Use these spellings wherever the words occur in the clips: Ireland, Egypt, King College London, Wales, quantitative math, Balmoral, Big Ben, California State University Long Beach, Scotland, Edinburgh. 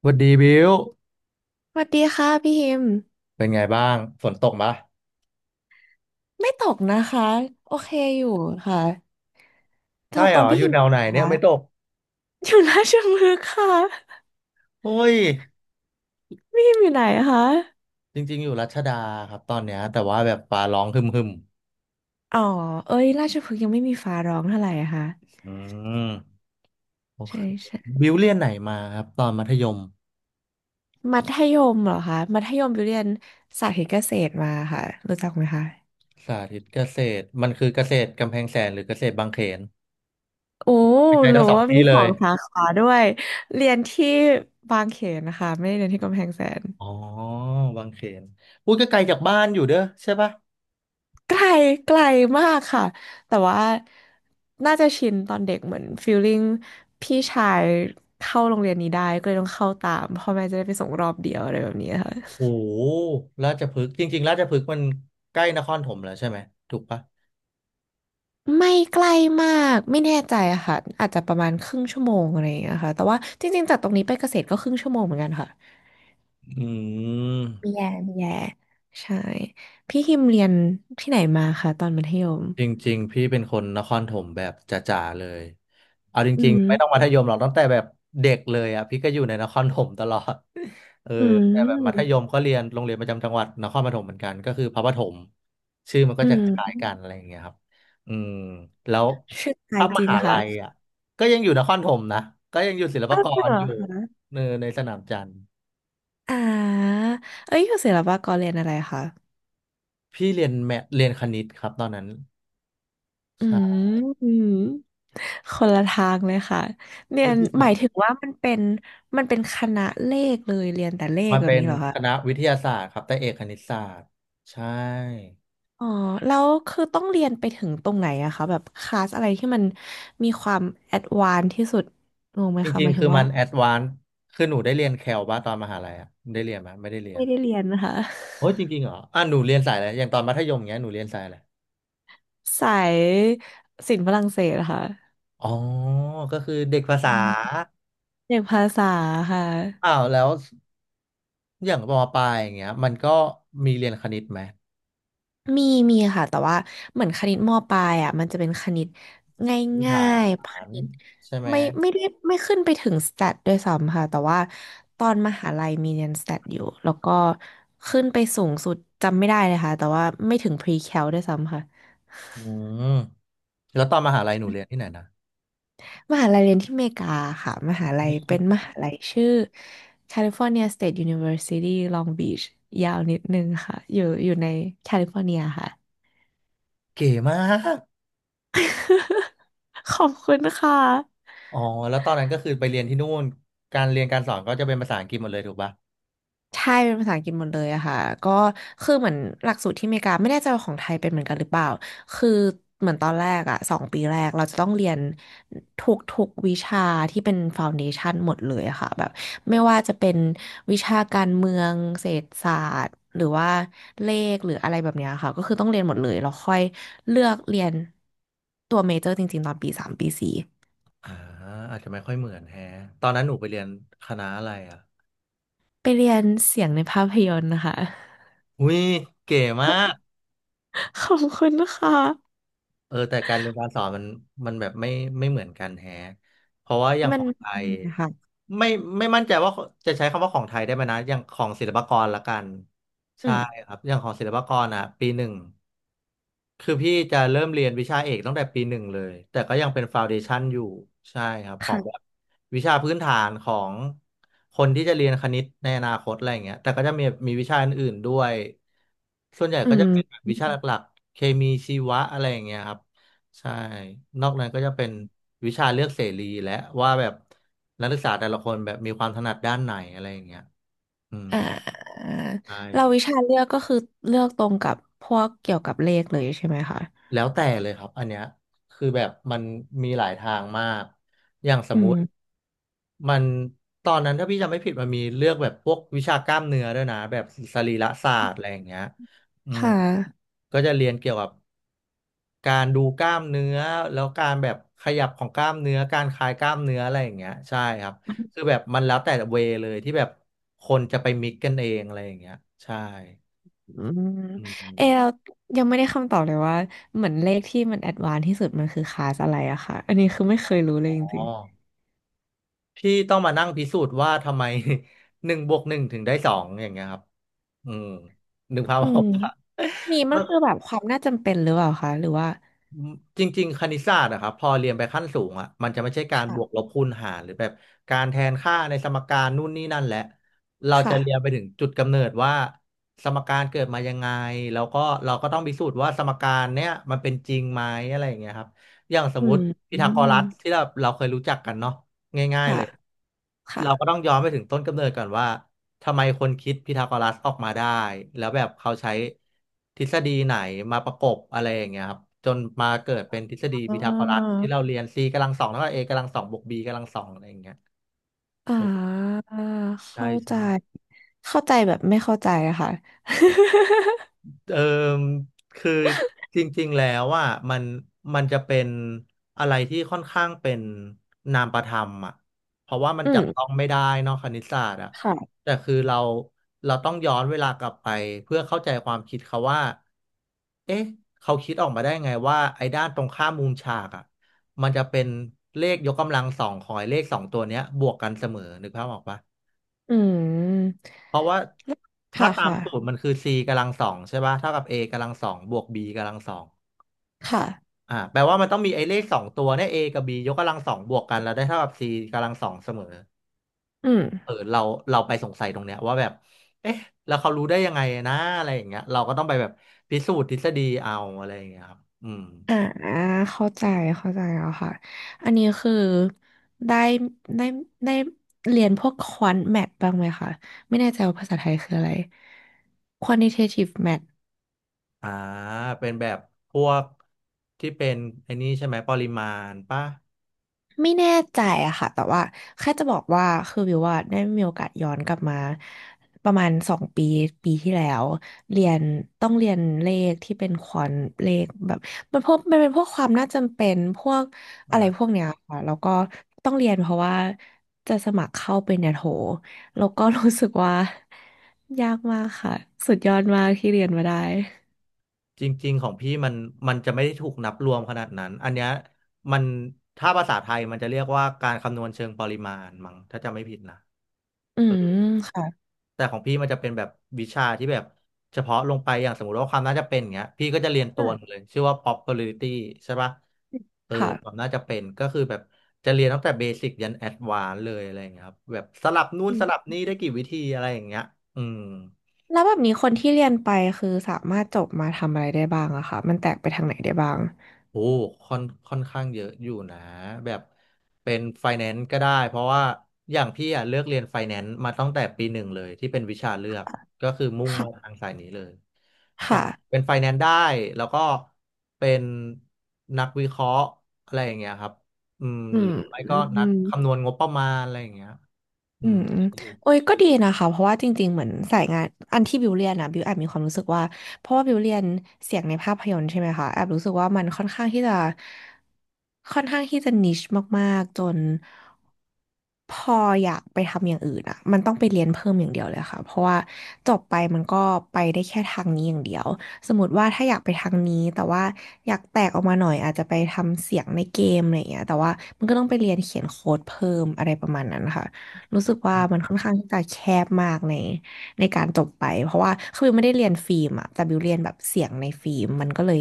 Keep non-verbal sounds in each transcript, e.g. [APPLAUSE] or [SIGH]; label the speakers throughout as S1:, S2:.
S1: สวัสดีบิว
S2: สวัสดีค่ะพี่ฮิม
S1: เป็นไงบ้างฝนตกปะ
S2: ไม่ตกนะคะโอเคอยู่ค่ะแถ
S1: ใช่
S2: วต
S1: เหร
S2: รง
S1: อ
S2: พี่
S1: อยู่
S2: ฮิม
S1: แนว
S2: ต
S1: ไหน
S2: กเหรอ
S1: เนี่ย
S2: ค่ะ
S1: ไม่ตก
S2: อยู่ราชพฤกษ์ค่ะ
S1: โอ้ย
S2: พี่ฮิมอยู่ไหนคะ
S1: จริงๆอยู่รัชดาครับตอนเนี้ยแต่ว่าแบบฟ้าร้องหึมหึม
S2: อ๋อเอ้ยราชพฤกษ์ยังไม่มีฟ้าร้องเท่าไหร่อะค่ะ
S1: อืมโอ
S2: ใช่
S1: เค
S2: ใช่
S1: บิวเรียนไหนมาครับตอนมัธยม
S2: มัธยมเหรอคะมัธยมอยู่เรียนสาธิตเกษตรมาค่ะรู้จักไหมคะ
S1: สาธิตเกษตรมันคือเกษตรกำแพงแสนหรือเกษตรบางเขน
S2: โอ้
S1: ไม่ใช่
S2: หรื
S1: ทั้
S2: อ
S1: งสอง
S2: ว่า
S1: ที่
S2: มี
S1: เล
S2: สอ
S1: ย
S2: งสาขาด้วยเรียนที่บางเขนนะคะไม่ได้เรียนที่กำแพงแสน
S1: อ๋อบางเขนอุ้ยก็ไกลจากบ้านอยู่เด้อใช่ปะ
S2: ไกลไกลมากค่ะแต่ว่าน่าจะชินตอนเด็กเหมือนฟีลลิ่งพี่ชายเข้าโรงเรียนนี้ได้ก็เลยต้องเข้าตามพ่อแม่จะได้ไปส่งรอบเดียวอะไรแบบนี้ค่ะ
S1: โอ้โหราชพฤกษ์จริงๆราชพฤกษ์มันใกล้นครถมแล้วใช่ไหมถูกปะ
S2: ไม่ใกล้มากไม่แน่ใจอะค่ะอาจจะประมาณครึ่งชั่วโมงอะไรอย่างเงี้ยค่ะแต่ว่าจริงๆจากตรงนี้ไปเกษตรก็ครึ่งชั่วโมงเหมือนกันค่ะ
S1: อื
S2: มีแย่
S1: ม
S2: มีแย่ใช่พี่ฮิมเรียนที่ไหนมาคะตอนมัธยม
S1: จริงๆพี่เป็นคนนครถมแบบจ๋าๆเลยเอาจ
S2: อื
S1: ริงๆไม่ต้องมั
S2: ม
S1: ธยมหรอกตั้งแต่แบบเด็กเลยอ่ะพี่ก็อยู่ในนครถมตลอด [LAUGHS] เออ
S2: อื
S1: แต่แบบมัธ
S2: ม
S1: ยมก็เรียนโรงเรียนประจำจังหวัดนครปฐมเหมือนกันก็คือพระปฐมชื่อมันก็
S2: อื
S1: จะคล้าย
S2: ม
S1: ๆกันอะไรอย่างเงี้ยครับอืมแล้ว
S2: ชื่อไทย
S1: ถ้าม
S2: จริง
S1: หาลั
S2: ค่ะ
S1: ยอ่ะก็ยังอยู่นครถมนะก็ยังอยู่ศิลปา
S2: อ้าว
S1: ก
S2: เห
S1: ร
S2: รอ
S1: อยู่เนอในสนามจันทร์
S2: อ่าเอ้ยอยู่ศิลปากรเรียนอะไรคะ
S1: พี่เรียนแมทเรียนคณิตครับตอนนั้น
S2: อื
S1: ใช่
S2: มอืมคนละทางเลยค่ะ เรีย
S1: อุ๊ย
S2: น
S1: จริงเห
S2: ห
S1: ร
S2: มา
S1: อ
S2: ยถึงว่ามันเป็นเป็นคณะเลขเลยเรียนแต่เลข
S1: มัน
S2: แบบ
S1: เป็น
S2: นี้เหรอคะ
S1: คณะวิทยาศาสตร์ครับแต่เอกคณิตศาสตร์ใช่
S2: อ๋อแล้วคือต้องเรียนไปถึงตรงไหนอะคะแบบคลาสอะไรที่มันมีความแอดวานซ์ที่สุดงงไหม
S1: จ
S2: คะ
S1: ริ
S2: ห
S1: ง
S2: มาย
S1: ๆ
S2: ถึ
S1: คื
S2: ง
S1: อ
S2: ว่า
S1: มันแอดวานซ์คือหนูได้เรียนแคลบ้าตอนมหาลัยอะได้เรียนไหมไม่ได้เรีย
S2: ไม่
S1: น
S2: ได้เรียนนะคะ
S1: โอ้ยจริงๆเหรออ่ะหนูเรียนสายอะไรอย่างตอนมัธยมเงี้ยหนูเรียนสายอะไร
S2: [LAUGHS] สายศิลป์ฝรั่งเศสเหรอะค่ะ
S1: อ๋อก็คือเด็กภาษา
S2: อ่าเอกภาษาค่ะ
S1: อ้าวแล้วอย่างมปลายอย่างเงี้ยมันก็มีเรียนคณิตไหม
S2: มีมีค่ะแต่ว่าเหมือนคณิตมปลายอ่ะมันจะเป็นคณิต
S1: พื้น
S2: ง่า
S1: ฐา
S2: ยๆค
S1: น
S2: ณิต
S1: ใช่ไหม
S2: ไม่ได้ไม่ขึ้นไปถึงสแตทด้วยซ้ำค่ะแต่ว่าตอนมหาลัยมีเรียนสแตทอยู่แล้วก็ขึ้นไปสูงสุดจำไม่ได้เลยค่ะแต่ว่าไม่ถึงพรีแคลด้วยซ้ำค่ะ
S1: อืมแล้วตอนมหาลัยหนูเรียนที่ไหนนะ
S2: มหาลัยเรียนที่อเมริกาค่ะมหาลัยเป็นมหาลัยชื่อ California State University Long Beach ยาวนิดนึงค่ะอยู่ในแคลิฟอร์เนียค่ะ
S1: เก๋มาก
S2: [LAUGHS] ขอบคุณค่ะ
S1: อ๋อแล้วตอนนั้นก็คือไปเรียนที่นู่นการเรียนการสอนก็จะเป็นภาษาอังกฤษหมดเลยถูกปะ
S2: ใช่เป็นภาษาอังกฤษหมดเลยอะค่ะก็คือเหมือนหลักสูตรที่อเมริกาไม่แน่ใจว่าของไทยเป็นเหมือนกันหรือเปล่าคือเหมือนตอนแรกอะสองปีแรกเราจะต้องเรียนทุกวิชาที่เป็นฟาวเดชั o นหมดเลยอะค่ะแบบไม่ว่าจะเป็นวิชาการเมืองเศรษฐศาสตร์หรือว่าเลขหรืออะไรแบบเนี้ยค่ะก็คือต้องเรียนหมดเลยแล้วค่อยเลือกเรียนตัวเมเจอร์จริงๆตอนปีสามปีสี่
S1: อ่าอาจจะไม่ค่อยเหมือนแฮะตอนนั้นหนูไปเรียนคณะอะไรอ่ะ
S2: ไปเรียนเสียงในภาพยนตร์นะคะ
S1: อุ้ยเก๋มาก
S2: [LAUGHS] ขอบคุณนะคะ
S1: เออแต่การเรียนการสอนมันมันแบบไม่เหมือนกันแฮะเพราะว่าอย่าง
S2: มั
S1: ข
S2: น
S1: องไทย
S2: [LAUGHS] นะคะ
S1: ไม่ไม่มั่นใจว่าจะใช้คำว่าของไทยได้ไหมนะอย่างของศิลปากรละกันใช่ครับอย่างของศิลปากรอ่ะปีหนึ่ง คือพี่จะเริ่มเรียนวิชาเอกตั้งแต่ปีหนึ่งเลยแต่ก็ยังเป็นฟาวเดชั o นอยู่ใช่ครับของแบบ
S2: ค่ะ
S1: วิชาพื้นฐานของคนที่จะเรียนคณิตในอนาคตอะไรอย่างเงี้ยแต่ก็จะมีวิชาอื่นๆด้วยส่วนใหญ่
S2: อื
S1: ก็จะเป็นแบ
S2: ม
S1: บวิชาหลักๆเคมีชีวะอะไรอย่างเงี้ยครับใช่นอกนั้นก็จะเป็นวิชาเลือกเสรีและว่าแบบนักศึกษาแต่ละคนแบบมีความถนัดด้านไหนอะไรอย่างเงี้ยอืม
S2: อ่า
S1: ใ
S2: เรา
S1: ช่
S2: วิชาเลือกก็คือเลือกตรงกับพวกเกี่ยวกับเลขเลยใช่ไหมคะ
S1: แล้วแต่เลยครับอันเนี้ยคือแบบมันมีหลายทางมากอย่างส
S2: อื
S1: มมุ
S2: ม
S1: ติมันตอนนั้นถ้าพี่จำไม่ผิดมันมีเลือกแบบพวกวิชากล้ามเนื้อด้วยนะแบบสรีระศาสตร์อะไรอย่างเงี้ยอืม
S2: ค่ะ
S1: ก็จะเรียนเกี่ยวกับการดูกล้ามเนื้อแล้วการแบบขยับของกล้ามเนื้อการคลายกล้ามเนื้ออะไรอย่างเงี้ยใช่ครับคือแบบมันแล้วแต่เวเลยที่แบบคนจะไปมิกกันเองอะไรอย่างเงี้ยใช่
S2: อืม
S1: อื
S2: เอ
S1: ม
S2: เรายังไม่ได้คำตอบเลยว่าเหมือนเลขที่มันแอดวานซ์ที่สุดมันคือคลาสอะไรอะค่ะอันนี้คือไม่เคยรู้เล
S1: อ๋อ
S2: ยจริง
S1: ที่ต้องมานั่งพิสูจน์ว่าทำไม [LAUGHS] หนึ่งบวกหนึ่งถึงได้สองอย่างเงี้ยครับอืมนึกภาพ
S2: ๆอื
S1: ออ
S2: ม
S1: กปะ
S2: นี่
S1: [LAUGHS]
S2: มั
S1: ก็
S2: นคือแบบความน่าจำเป็นหรือเปล่าคะหรือว่า
S1: อืมจริงๆคณิตศาสตร์อะครับพอเรียนไปขั้นสูงอะมันจะไม่ใช่การบ
S2: ค่ะ
S1: วกลบคูณหารหรือแบบการแทนค่าในสมการนู่นนี่นั่นแหละเราจะ
S2: ค่ะ
S1: เรียนไปถึงจุดกำเนิดว่าสมการเกิดมายังไงแล้วก็เราก็ต้องพิสูจน์ว่าสมการเนี้ยมันเป็นจริงไหมอะไรอย่างเงี้ยครับอย่างสม
S2: อื
S1: ม
S2: ม
S1: ติพี
S2: อื
S1: ทาโก
S2: ม
S1: รัสที่เราเคยรู้จักกันเนาะง่ายๆเล
S2: ค่ะ
S1: ย
S2: ค่ะ
S1: เราก็ต้องย้อนไปถึงต้นกำเนิดก่อนว่า ทำไมคนคิดพีทาโกรัสออกมาได้แล้วแบบเขาใช้ทฤษฎีไหนมาประกบอะไรอย่างเงี้ยครับจนมาเกิดเป็นทฤษฎี
S2: อ๋อ
S1: พีทาโกรัสที่เราเรียน c กำลังสองเท่ากับ a กำลังสองบวก b กำลังสองอะไรอย่างเงี้ย
S2: อ่
S1: โอ้
S2: า
S1: ใช่
S2: เข้าใจ
S1: ใช่
S2: เข้าใจแบบไม่เข้าใจอะค่ะ [LAUGHS]
S1: เออคือจริงๆแล้วว่ามันมันจะเป็นอะไรที่ค่อนข้างเป็นนามประธรรมอ่ะเพราะว่ามัน
S2: อื
S1: จับต้อ
S2: ม
S1: งไม่ได้เนอกคณิตศาสตร์อ่ะ
S2: ค่ะ
S1: แต่คือเราต้องย้อนเวลากลับไปเพื่อเข้าใจความคิดเขาว่าเอ๊ะเขาคิดออกมาได้ไงว่าไอ้ด้านตรงข้ามมุมฉากอ่ะมันจะเป็นเลขยกกำลังสองของไอ้เลขสองตัวเนี้ยบวกกันเสมอนึกภาพออกปะ
S2: อืม
S1: เพราะว่าถ้า
S2: ค่ะ
S1: ตาม
S2: ค่ะ
S1: สูตรมันคือ c กำลังสองใช่ป่ะเท่ากับ a กำลังสองบวก b กำลังสอง
S2: ค่ะ
S1: แปลว่ามันต้องมีไอ้เลขสองตัวเนี่ย a กับ b ยกกำลังสองบวกกันแล้วได้เท่ากับ c กำลังสองเสมอ
S2: อืม
S1: เออเราไปสงสัยตรงเนี้ยว่าแบบเอ๊ะแล้วเขารู้ได้ยังไงนะอะไรอย่างเงี้ยเราก็ต้องไปแบบพิสูจน์ทฤษฎีเอาอะไรอย่างเงี้ยครับอืม
S2: อ่าเข้าใจเข้าใจแล้วค่ะอันนี้คือได้ได้ได้เรียนพวกควอนแมทบ้างไหมคะไม่แน่ใจว่าภาษาไทยคืออะไร quantitative math
S1: อ่าเป็นแบบพวกที่เป็นไอ้นี่ใช่ไหมปริมาณป่ะ
S2: ไม่แน่ใจอะค่ะแต่ว่าแค่จะบอกว่าคือวิวว่าได้มีโอกาสย้อนกลับมาประมาณสองปีปีที่แล้วเรียนต้องเรียนเลขที่เป็นควอนเลขแบบมันเป็นพวกความน่าจำเป็นพวกอะไรพวกเนี้ยค่ะแล้วก็ต้องเรียนเพราะว่าจะสมัครเข้าเป็นเนี่ยโหแล้วก็รู้สึกว่ายากมากค่ะสุดยอดมากที่เรียนมาได้
S1: จริงๆของพี่มันจะไม่ได้ถูกนับรวมขนาดนั้นอันเนี้ยมันถ้าภาษาไทยมันจะเรียกว่าการคำนวณเชิงปริมาณมั้งถ้าจำไม่ผิดนะ
S2: อืมค่ะ
S1: แต่ของพี่มันจะเป็นแบบวิชาที่แบบเฉพาะลงไปอย่างสมมติว่าความน่าจะเป็นอย่างเงี้ยพี่ก็จะเรียน
S2: อื
S1: ตัว
S2: ม
S1: หนึงเลยชื่อว่า probability ใช่ปะเออความ
S2: ค่ะ
S1: น่าจะเป็นก็คือแบบจะเรียนตั้งแต่เบสิกยันแอดวานซ์เลยอะไรอย่างเงี้ยครับแบบสลับนู่นสลับนี่ได้กี่วิธีอะไรอย่างเงี้ยอืม
S2: แล้วแบบนี้คนที่เรียนไปคือสามารถจบมาทำอะไรได้บ้างอะคะมันแตกไปทางไหนได้บ้าง
S1: โอ้ค่อนข้างเยอะอยู่นะแบบเป็นไฟแนนซ์ก็ได้เพราะว่าอย่างพี่อ่ะเลือกเรียนไฟแนนซ์มาตั้งแต่ปีหนึ่งเลยที่เป็นวิชาเลือกก็คือมุ่งมา
S2: ค่ะ
S1: ทางสายนี้เลยใช่เป็
S2: ค่ะ
S1: นไฟแนนซ์ได้แล้วก็เป็นนักวิเคราะห์อะไรอย่างเงี้ยครับอืม
S2: อื
S1: หรื
S2: ม
S1: อไม่ก็
S2: อื
S1: นัก
S2: ม
S1: คำนวณงบประมาณอะไรอย่างเงี้ยอื
S2: อื
S1: ม
S2: ม
S1: อยู่
S2: โอ้ยก็ดีนะคะเพราะว่าจริงๆเหมือนสายงานอันที่บิวเรียนนะบิวแอบมีความรู้สึกว่าเพราะว่าบิวเรียนเสียงในภาพยนตร์ใช่ไหมคะแอบรู้สึกว่ามันค่อนข้างที่จะค่อนข้างที่จะนิชมากๆจนพออยากไปทำอย่างอื่นอ่ะมันต้องไปเรียนเพิ่มอย่างเดียวเลยค่ะเพราะว่าจบไปมันก็ไปได้แค่ทางนี้อย่างเดียวสมมติว่าถ้าอยากไปทางนี้แต่ว่าอยากแตกออกมาหน่อยอาจจะไปทำเสียงในเกมอะไรอย่างเงี้ยแต่ว่ามันก็ต้องไปเรียนเขียนโค้ดเพิ่มอะไรประมาณนั้นค่ะ รู้สึกว่า
S1: อืม
S2: มันค่อนข้างที่จะแคบมากในการจบไปเพราะว่าคือบิวไม่ได้เรียนฟิล์มอะแต่บิวเรียนแบบเสียงในฟิล์มมันก็เลย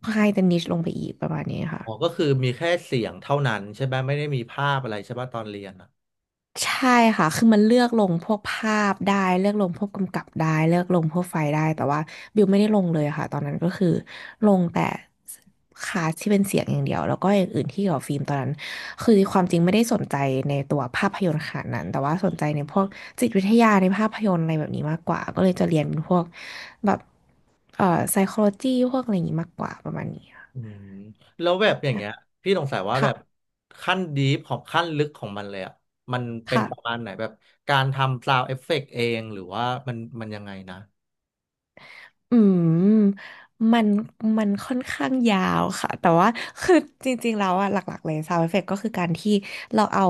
S2: ค่อนข้างจะนิชลงไปอีกประมาณนี้ค่ะ
S1: อ๋อก็คือมีแค่เสียงเท่านั้นใช่ไหมไม่ได้มีภาพอะไรใช่ป่ะตอนเรียนอะ
S2: ใช่ค่ะคือมันเลือกลงพวกภาพได้เลือกลงพวกกำกับได้เลือกลงพวกไฟล์ได้แต่ว่าบิวไม่ได้ลงเลยค่ะตอนนั้นก็คือลงแต่คลาสที่เป็นเสียงอย่างเดียวแล้วก็อย่างอื่นที่เกี่ยวกับฟิล์มตอนนั้นคือความจริงไม่ได้สนใจในตัวภาพยนตร์ขนาดนั้นแต่ว่าสนใจในพวกจิตวิทยาในภาพยนตร์อะไรแบบนี้มากกว่าก็เลยจะเรียนเป็นพวกแบบเอ่อ psychology พวกอะไรอย่างนี้มากกว่าประมาณนี้ค่ะ
S1: อืมแล้วแบบอย่าง
S2: ใช่
S1: เงี้ยพี่สงสัยว่าแบบ
S2: ค่ะ
S1: ขั้นดีฟของขั้นลึกของมันเลยอ่ะมันเป็นประ
S2: ค่ะ
S1: มาณไหนแบบการทำ s าว n d เอฟเฟกต์เองหรือว่ามันยังไงนะ
S2: อืมมันมันค่อนข้างยาวค่ะแต่ว่าคือจริงๆแล้วอะหลักๆเลย sound effect ก็คือการที่เราเอา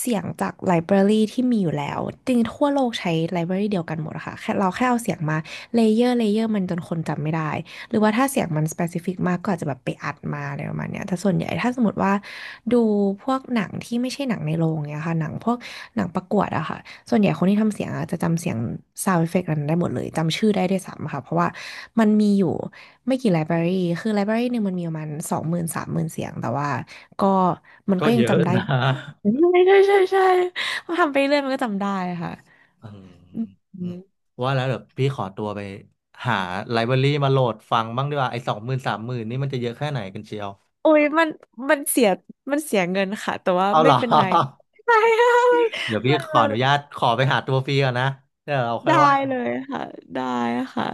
S2: เสียงจากไลบรารีที่มีอยู่แล้วจริงๆทั่วโลกใช้ไลบรารีเดียวกันหมดอะค่ะแค่เราแค่เอาเสียงมาเลเยอร์เลเยอร์มันจนคนจำไม่ได้หรือว่าถ้าเสียงมัน specific มากก็อาจจะแบบไปอัดมาอะไรประมาณเนี้ยแต่ส่วนใหญ่ถ้าสมมติว่าดูพวกหนังที่ไม่ใช่หนังในโรงเนี่ยค่ะหนังพวกหนังประกวดอะค่ะ ส่วนใหญ่คนที่ทำเสียงอะจะจำเสียงซาว n d เอฟเฟกต์นั้นได้หมดเลยจำชื่อได้ด้วยซ้ำค่ะเพราะว่ามันมีอยู่ไม่กี่ไลบรารีคือไลบรารีหนึ่งมันมีประมาณ20,000 30,000เสียงแต่ว่าก็มัน
S1: ก็
S2: ก็ยั
S1: เย
S2: ง
S1: อะ
S2: จำได้
S1: นะ
S2: ใช่ใช่ใช่ใช่พอทำไปเรื่อยมันก็จำได้ค่ะ
S1: [LAUGHS] อืมอื
S2: อื
S1: ม
S2: ม
S1: ว่าแล้วเดี๋ยวพี่ขอตัวไปหาไลบรารีมาโหลดฟังบ้างดีกว่าไอ้20,000 30,000นี่มันจะเยอะแค่ไหนกันเชียว
S2: โอ้ยมันมันเสียมันเสียเงินค่ะแต่ว่า
S1: เอาเห
S2: ไม่
S1: รอ
S2: เป็นไร
S1: [LAUGHS]
S2: ใช่ค่ะ
S1: เดี๋ยวพี่
S2: มัน
S1: ขอ
S2: มัน
S1: อนุ
S2: มั
S1: ญาตขอไปหาตัวฟรีก่อนนะเดี๋ยวเรา
S2: น
S1: ค่อย
S2: ได้
S1: ว่า
S2: เลยค่ะได้ค่ะ